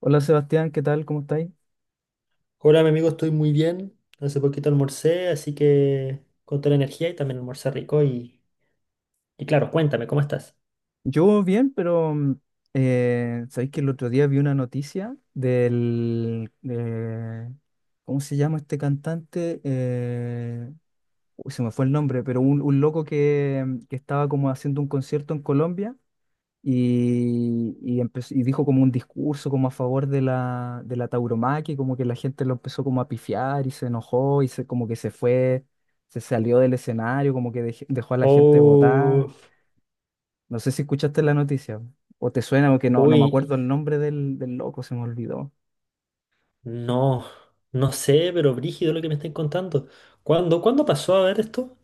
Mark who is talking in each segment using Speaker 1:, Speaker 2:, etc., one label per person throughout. Speaker 1: Hola Sebastián, ¿qué tal? ¿Cómo estáis?
Speaker 2: Hola, mi amigo, estoy muy bien. Hace poquito almorcé, así que con toda la energía y también almorcé rico. Y claro, cuéntame, ¿cómo estás?
Speaker 1: Yo bien, pero sabéis que el otro día vi una noticia del. ¿Cómo se llama este cantante? Uy, se me fue el nombre, pero un loco que, que estaba como haciendo un concierto en Colombia y dijo como un discurso como a favor de la tauromaquia, y como que la gente lo empezó como a pifiar y se enojó y como que se fue, se salió del escenario, como que dejó a la gente votar.
Speaker 2: Oh,
Speaker 1: No sé si escuchaste la noticia o te suena, porque no me
Speaker 2: uy,
Speaker 1: acuerdo el nombre del loco, se me olvidó.
Speaker 2: no, no sé, pero brígido lo que me están contando. ¿Cuándo pasó a ver esto?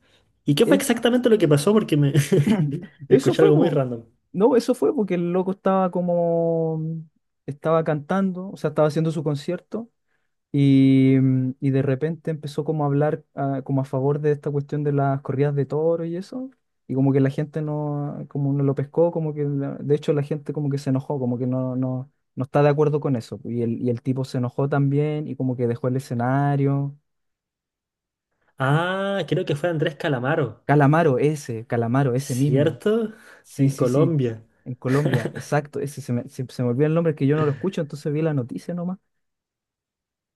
Speaker 2: ¿Y qué fue
Speaker 1: Es-
Speaker 2: exactamente lo que pasó? Porque me
Speaker 1: Eso
Speaker 2: escuché
Speaker 1: fue,
Speaker 2: algo muy
Speaker 1: po.
Speaker 2: random.
Speaker 1: No, eso fue porque el loco estaba como, estaba cantando, o sea, estaba haciendo su concierto y de repente empezó como a hablar, como a favor de esta cuestión de las corridas de toro y eso. Y como que la gente no, como no lo pescó, como que, de hecho la gente como que se enojó, como que no está de acuerdo con eso. Y el tipo se enojó también y como que dejó el escenario.
Speaker 2: Ah, creo que fue Andrés Calamaro,
Speaker 1: Calamaro, ese mismo.
Speaker 2: ¿cierto?
Speaker 1: Sí,
Speaker 2: En
Speaker 1: sí, sí.
Speaker 2: Colombia.
Speaker 1: En Colombia, exacto. Ese se me olvidó el nombre, que yo no lo escucho, entonces vi la noticia nomás.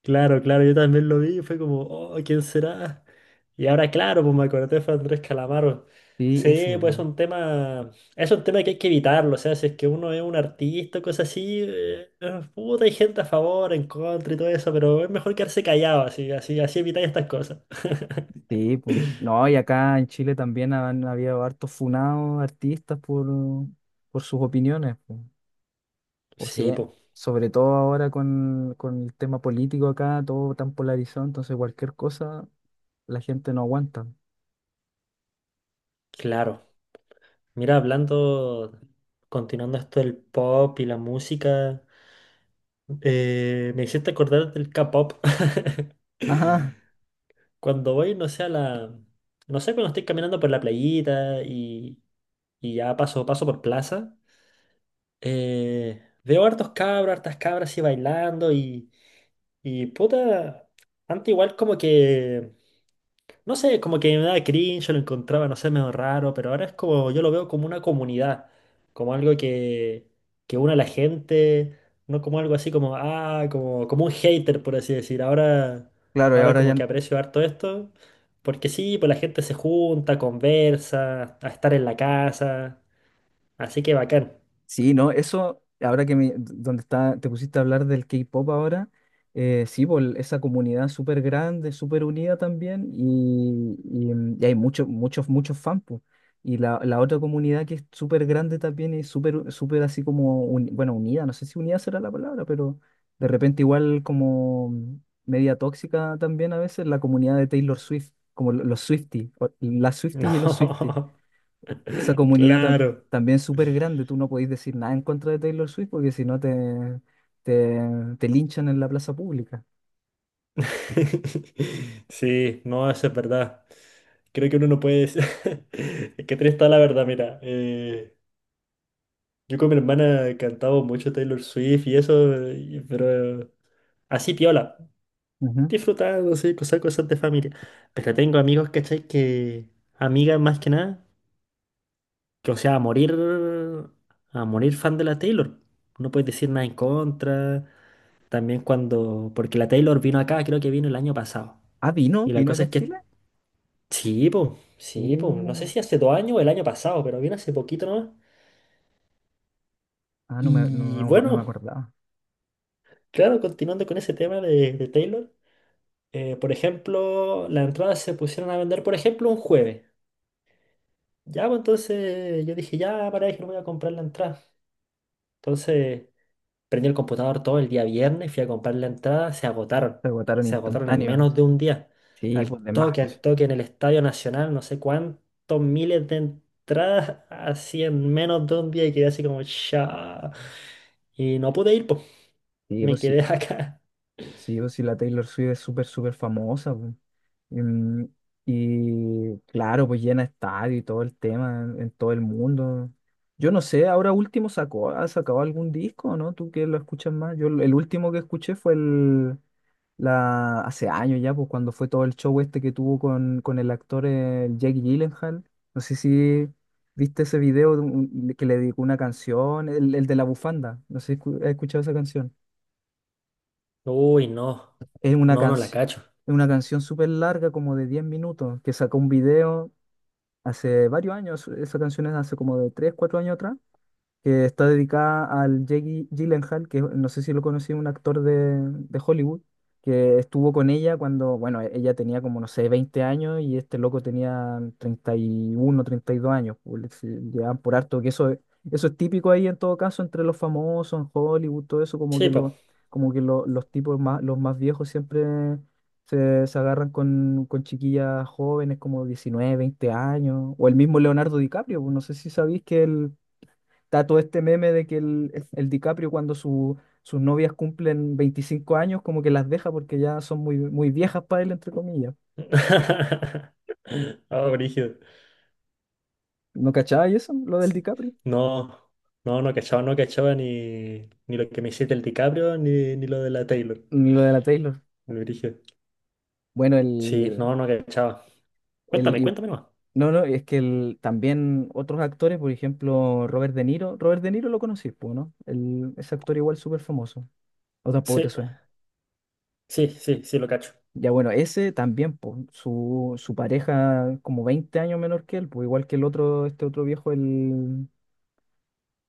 Speaker 2: Claro, claro, yo también lo vi y fue como, oh, ¿quién será? Y ahora, claro, pues me acordé de Andrés Calamaro.
Speaker 1: Sí, ese,
Speaker 2: Sí, pues
Speaker 1: po.
Speaker 2: es un tema que hay que evitarlo, o sea, si es que uno es un artista o cosas así, puta, hay gente a favor, en contra y todo eso, pero es mejor quedarse callado, así, así, así evitáis estas cosas.
Speaker 1: Sí, po. No, y acá en Chile también han habido hartos funados artistas por sus opiniones, po. O
Speaker 2: Sí,
Speaker 1: sea,
Speaker 2: pues,
Speaker 1: sobre todo ahora con el tema político acá, todo tan polarizado, entonces cualquier cosa la gente no aguanta.
Speaker 2: claro. Mira, hablando, continuando esto del pop y la música, me hiciste acordar del K-pop.
Speaker 1: Ajá,
Speaker 2: Cuando voy, no sé, a la... No sé, cuando estoy caminando por la playita y ya paso por plaza, veo hartos cabros, hartas cabras así bailando y puta, antes igual como que no sé, como que me daba cringe, yo lo encontraba, no sé, medio raro, pero ahora es como, yo lo veo como una comunidad, como algo que une a la gente, no como algo así como, ah, como, como un hater, por así decir. Ahora,
Speaker 1: claro, y
Speaker 2: ahora
Speaker 1: ahora ya.
Speaker 2: como que aprecio harto esto, porque sí, pues la gente se junta, conversa, a estar en la casa, así que bacán.
Speaker 1: Sí, no, eso, ahora que me, donde está, te pusiste a hablar del K-pop ahora. Sí, po, esa comunidad súper grande, súper unida también, y hay muchos, muchos, muchos fans, po. Y la otra comunidad, que es súper grande también y súper, súper así como, bueno, unida, no sé si unida será la palabra, pero de repente igual como media tóxica también a veces, la comunidad de Taylor Swift, como los Swifties, las Swifties y los Swifties.
Speaker 2: No,
Speaker 1: Esa comunidad
Speaker 2: claro.
Speaker 1: también es súper grande. Tú no podés decir nada en contra de Taylor Swift porque si no te, te, te linchan en la plaza pública.
Speaker 2: Sí, no, eso es verdad. Creo que uno no puede decir. Es que triste está la verdad, mira. Eh, yo con mi hermana cantaba mucho Taylor Swift y eso, pero así piola,
Speaker 1: Ujú.
Speaker 2: disfrutando, sí, cosas, cosas de familia. Pero tengo amigos, ¿cachai? Amigas más que nada, que o sea, a morir fan de la Taylor. No puedes decir nada en contra. También cuando, porque la Taylor vino acá, creo que vino el año pasado.
Speaker 1: Ah,
Speaker 2: Y la
Speaker 1: vino
Speaker 2: cosa
Speaker 1: acá a
Speaker 2: es que,
Speaker 1: Chile.
Speaker 2: sí, pues, sí, pues, no sé
Speaker 1: Uh,
Speaker 2: si hace 2 años o el año pasado, pero vino hace poquito nomás.
Speaker 1: ah, no me, no, no
Speaker 2: Y
Speaker 1: me acu- no me
Speaker 2: bueno,
Speaker 1: acordaba.
Speaker 2: claro, continuando con ese tema de Taylor, por ejemplo, las entradas se pusieron a vender, por ejemplo, un jueves. Ya, pues entonces yo dije, ya, para que no voy a comprar la entrada. Entonces prendí el computador todo el día viernes, fui a comprar la entrada, se agotaron.
Speaker 1: Se agotaron
Speaker 2: Se agotaron en menos
Speaker 1: instantáneos.
Speaker 2: de un día.
Speaker 1: Sí, pues de más,
Speaker 2: Al
Speaker 1: pues.
Speaker 2: toque en el Estadio Nacional, no sé cuántos miles de entradas, así en menos de un día y quedé así como, ya. Y no pude ir, pues
Speaker 1: Sí,
Speaker 2: me
Speaker 1: pues sí,
Speaker 2: quedé acá.
Speaker 1: sí, pues sí, la Taylor Swift es súper, súper famosa, pues. Mm, Y claro, pues llena estadio y todo el tema en todo el mundo. Yo no sé, ahora último ha sacado algún disco, ¿no? ¿Tú, que lo escuchas más? Yo, el último que escuché fue hace años ya, pues cuando fue todo el show este que tuvo con el actor, el Jake Gyllenhaal. No sé si viste ese video de que le dedicó una canción, el de la bufanda. No sé si has escuchado esa canción.
Speaker 2: Uy, no.
Speaker 1: Es una
Speaker 2: No, no la
Speaker 1: canción.
Speaker 2: cacho.
Speaker 1: Es una canción súper larga, como de 10 minutos, que sacó un video. Hace varios años, esa canción es hace como de 3, 4 años atrás, que está dedicada al Jake Gyllenhaal, que no sé si lo conocí, un actor de Hollywood, que estuvo con ella cuando, bueno, ella tenía, como, no sé, 20 años y este loco tenía 31, 32 años, pues, se llevaban por harto. Que eso, eso es típico ahí, en todo caso, entre los famosos, en Hollywood, todo eso. Como
Speaker 2: Sí,
Speaker 1: que,
Speaker 2: po.
Speaker 1: como que los tipos más, los más viejos siempre. Se agarran con chiquillas jóvenes como 19, 20 años, o el mismo Leonardo DiCaprio, pues, no sé si sabéis que él. Está todo este meme de que el DiCaprio, cuando sus novias cumplen 25 años, como que las deja porque ya son muy, muy viejas para él, entre comillas.
Speaker 2: Ah, brígido.
Speaker 1: ¿No cachaba y eso? Lo del
Speaker 2: Sí.
Speaker 1: DiCaprio.
Speaker 2: No, no, no cachaba ni lo que me hiciste el DiCaprio ni lo de la Taylor.
Speaker 1: Ni lo de la Taylor.
Speaker 2: Lo brígido.
Speaker 1: Bueno,
Speaker 2: Sí, no, no cachaba.
Speaker 1: el,
Speaker 2: Cuéntame,
Speaker 1: y-
Speaker 2: cuéntame nomás.
Speaker 1: no, es que también otros actores, por ejemplo, Robert De Niro. Robert De Niro lo conocí, po, ¿no? El, ese actor igual súper famoso. O tampoco
Speaker 2: Sí,
Speaker 1: te suena.
Speaker 2: sí, sí, sí, lo cacho.
Speaker 1: Ya bueno, ese también, po, su pareja como 20 años menor que él, pues igual que el otro, este otro viejo, el.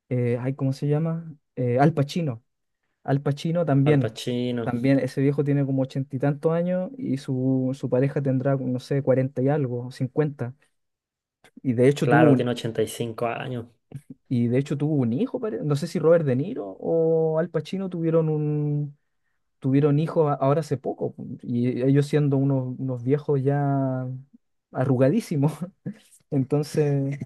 Speaker 1: Ay, ¿cómo se llama? Al Pacino. Al Pacino
Speaker 2: Al
Speaker 1: también.
Speaker 2: Pacino.
Speaker 1: También ese viejo tiene como ochenta y tantos años, y su pareja tendrá, no sé, cuarenta y algo, cincuenta. Y de hecho tuvo
Speaker 2: Claro,
Speaker 1: un,
Speaker 2: tiene 85 años.
Speaker 1: y de hecho tuvo un hijo, no sé si Robert De Niro o Al Pacino tuvieron tuvieron hijos ahora hace poco. Y ellos siendo unos viejos ya arrugadísimos. Entonces,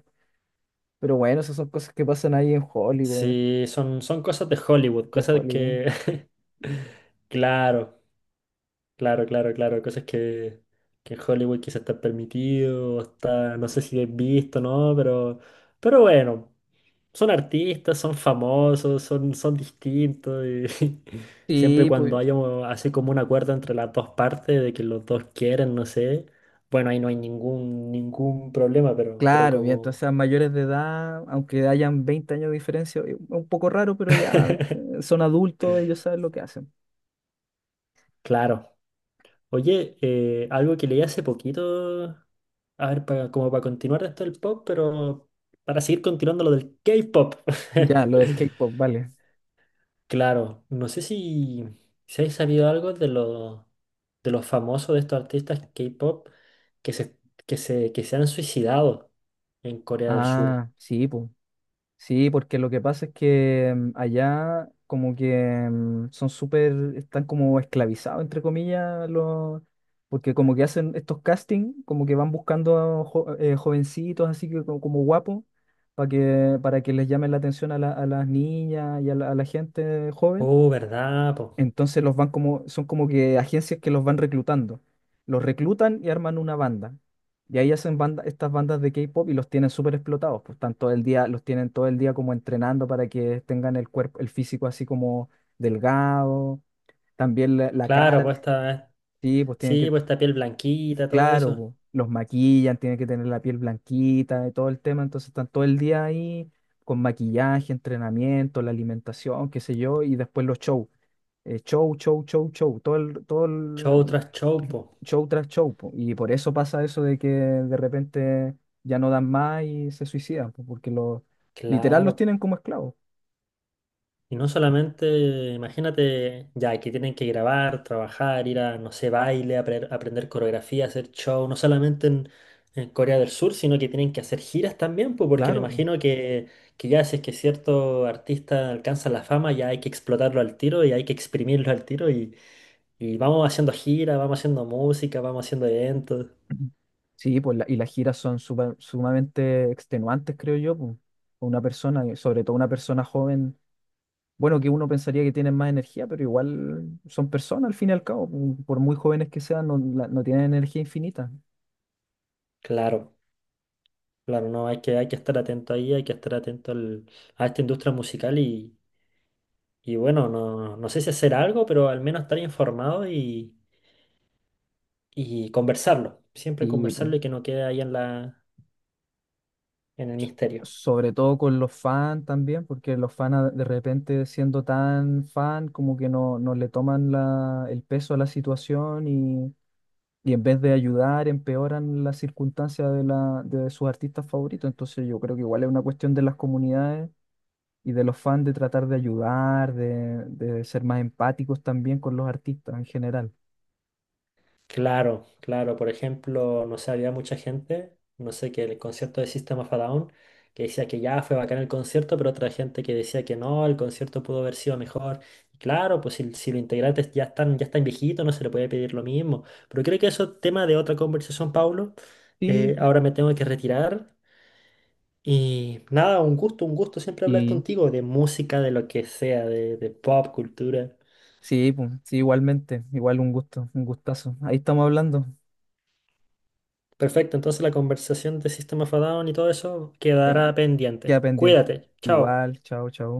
Speaker 1: pero bueno, esas son cosas que pasan ahí en Hollywood,
Speaker 2: Sí, son cosas de Hollywood,
Speaker 1: de
Speaker 2: cosas
Speaker 1: Hollywood.
Speaker 2: que. Claro. Claro, claro, claro. Cosas que en Hollywood quizás está permitido, o está, no sé si es visto, ¿no? Pero bueno, son artistas, son famosos, son distintos. Y siempre
Speaker 1: Sí,
Speaker 2: cuando
Speaker 1: pues,
Speaker 2: haya un- así como un acuerdo entre las dos partes de que los dos quieren, no sé, bueno, ahí no hay ningún problema, pero
Speaker 1: claro, y entonces
Speaker 2: como...
Speaker 1: a mayores de edad, aunque hayan 20 años de diferencia, es un poco raro, pero ya, son adultos, ellos saben lo que hacen.
Speaker 2: Claro. Oye, algo que leí hace poquito, a ver, para, como para continuar esto del pop, pero para seguir continuando lo del K-pop.
Speaker 1: Ya, lo del K-pop, vale.
Speaker 2: Claro, no sé si hay sabido algo de los famosos de estos artistas K-pop que se, que se, que se han suicidado en Corea del Sur.
Speaker 1: Ah, sí, pues. Sí, porque lo que pasa es que, allá como que, son súper, están como esclavizados, entre comillas, porque como que hacen estos castings, como que van buscando a jovencitos, así que como, guapos, para que, les llamen la atención a a las niñas y a la gente joven.
Speaker 2: Oh, ¿verdad? Po?
Speaker 1: Entonces los van como, son como que agencias, que los van reclutando. Los reclutan y arman una banda. Y ahí hacen banda, estas bandas de K-pop, y los tienen súper explotados. Pues están todo el día, los tienen todo el día como entrenando para que tengan el cuerpo, el físico así como delgado. También la
Speaker 2: Claro,
Speaker 1: cara,
Speaker 2: pues
Speaker 1: sí, pues tienen
Speaker 2: sí,
Speaker 1: que.
Speaker 2: pues esta piel blanquita, todo
Speaker 1: Claro,
Speaker 2: eso.
Speaker 1: po, los maquillan, tienen que tener la piel blanquita, de todo el tema, entonces están todo el día ahí con maquillaje, entrenamiento, la alimentación, qué sé yo, y después los shows. Show, show, show, show, todo el, todo
Speaker 2: Show
Speaker 1: el
Speaker 2: tras show, po.
Speaker 1: Show tras show, po. Y por eso pasa eso de que de repente ya no dan más y se suicidan, po, porque los, literal,
Speaker 2: Claro,
Speaker 1: los tienen como esclavos.
Speaker 2: y no solamente, imagínate, ya que tienen que grabar, trabajar, ir a, no sé, baile, aprender coreografía, hacer show, no solamente en Corea del Sur, sino que tienen que hacer giras también, pues, porque me
Speaker 1: Claro.
Speaker 2: imagino que ya si es que cierto artista alcanza la fama, ya hay que explotarlo al tiro y hay que exprimirlo al tiro y vamos haciendo giras, vamos haciendo música, vamos haciendo eventos.
Speaker 1: Sí, pues y las giras son sumamente extenuantes, creo yo, pues. Una persona, y sobre todo una persona joven, bueno, que uno pensaría que tienen más energía, pero igual son personas al fin y al cabo, pues, por muy jóvenes que sean, no, no tienen energía infinita.
Speaker 2: Claro, claro, no, hay que estar atento ahí, hay que estar atento a esta industria musical y bueno, no, no sé si hacer algo, pero al menos estar informado y conversarlo. Siempre
Speaker 1: Y pues,
Speaker 2: conversarlo y que no quede ahí en la, en el misterio.
Speaker 1: sobre todo con los fans también, porque los fans, de repente siendo tan fan, como que no le toman el peso a la situación. Y en vez de ayudar, empeoran las circunstancias de sus artistas favoritos. Entonces yo creo que igual es una cuestión de las comunidades y de los fans, de tratar de ayudar, de ser más empáticos también con los artistas en general.
Speaker 2: Claro, claro. Por ejemplo, no sé, había mucha gente, no sé, que el concierto de System of a Down, que decía que ya fue bacán el concierto, pero otra gente que decía que no, el concierto pudo haber sido mejor. Y claro, pues si los integrantes ya están viejitos, no se le puede pedir lo mismo. Pero creo que eso es tema de otra conversación, Paulo.
Speaker 1: Sí,
Speaker 2: Ahora me tengo que retirar. Y nada, un gusto siempre hablar
Speaker 1: y
Speaker 2: contigo de música, de lo que sea, de pop, cultura.
Speaker 1: sí, pues, sí, igualmente, igual un gusto, un gustazo. Ahí estamos hablando.
Speaker 2: Perfecto, entonces la conversación de System of a Down y todo eso
Speaker 1: eh,
Speaker 2: quedará pendiente.
Speaker 1: queda pendiente.
Speaker 2: Cuídate, chao.
Speaker 1: Igual, chao, chao.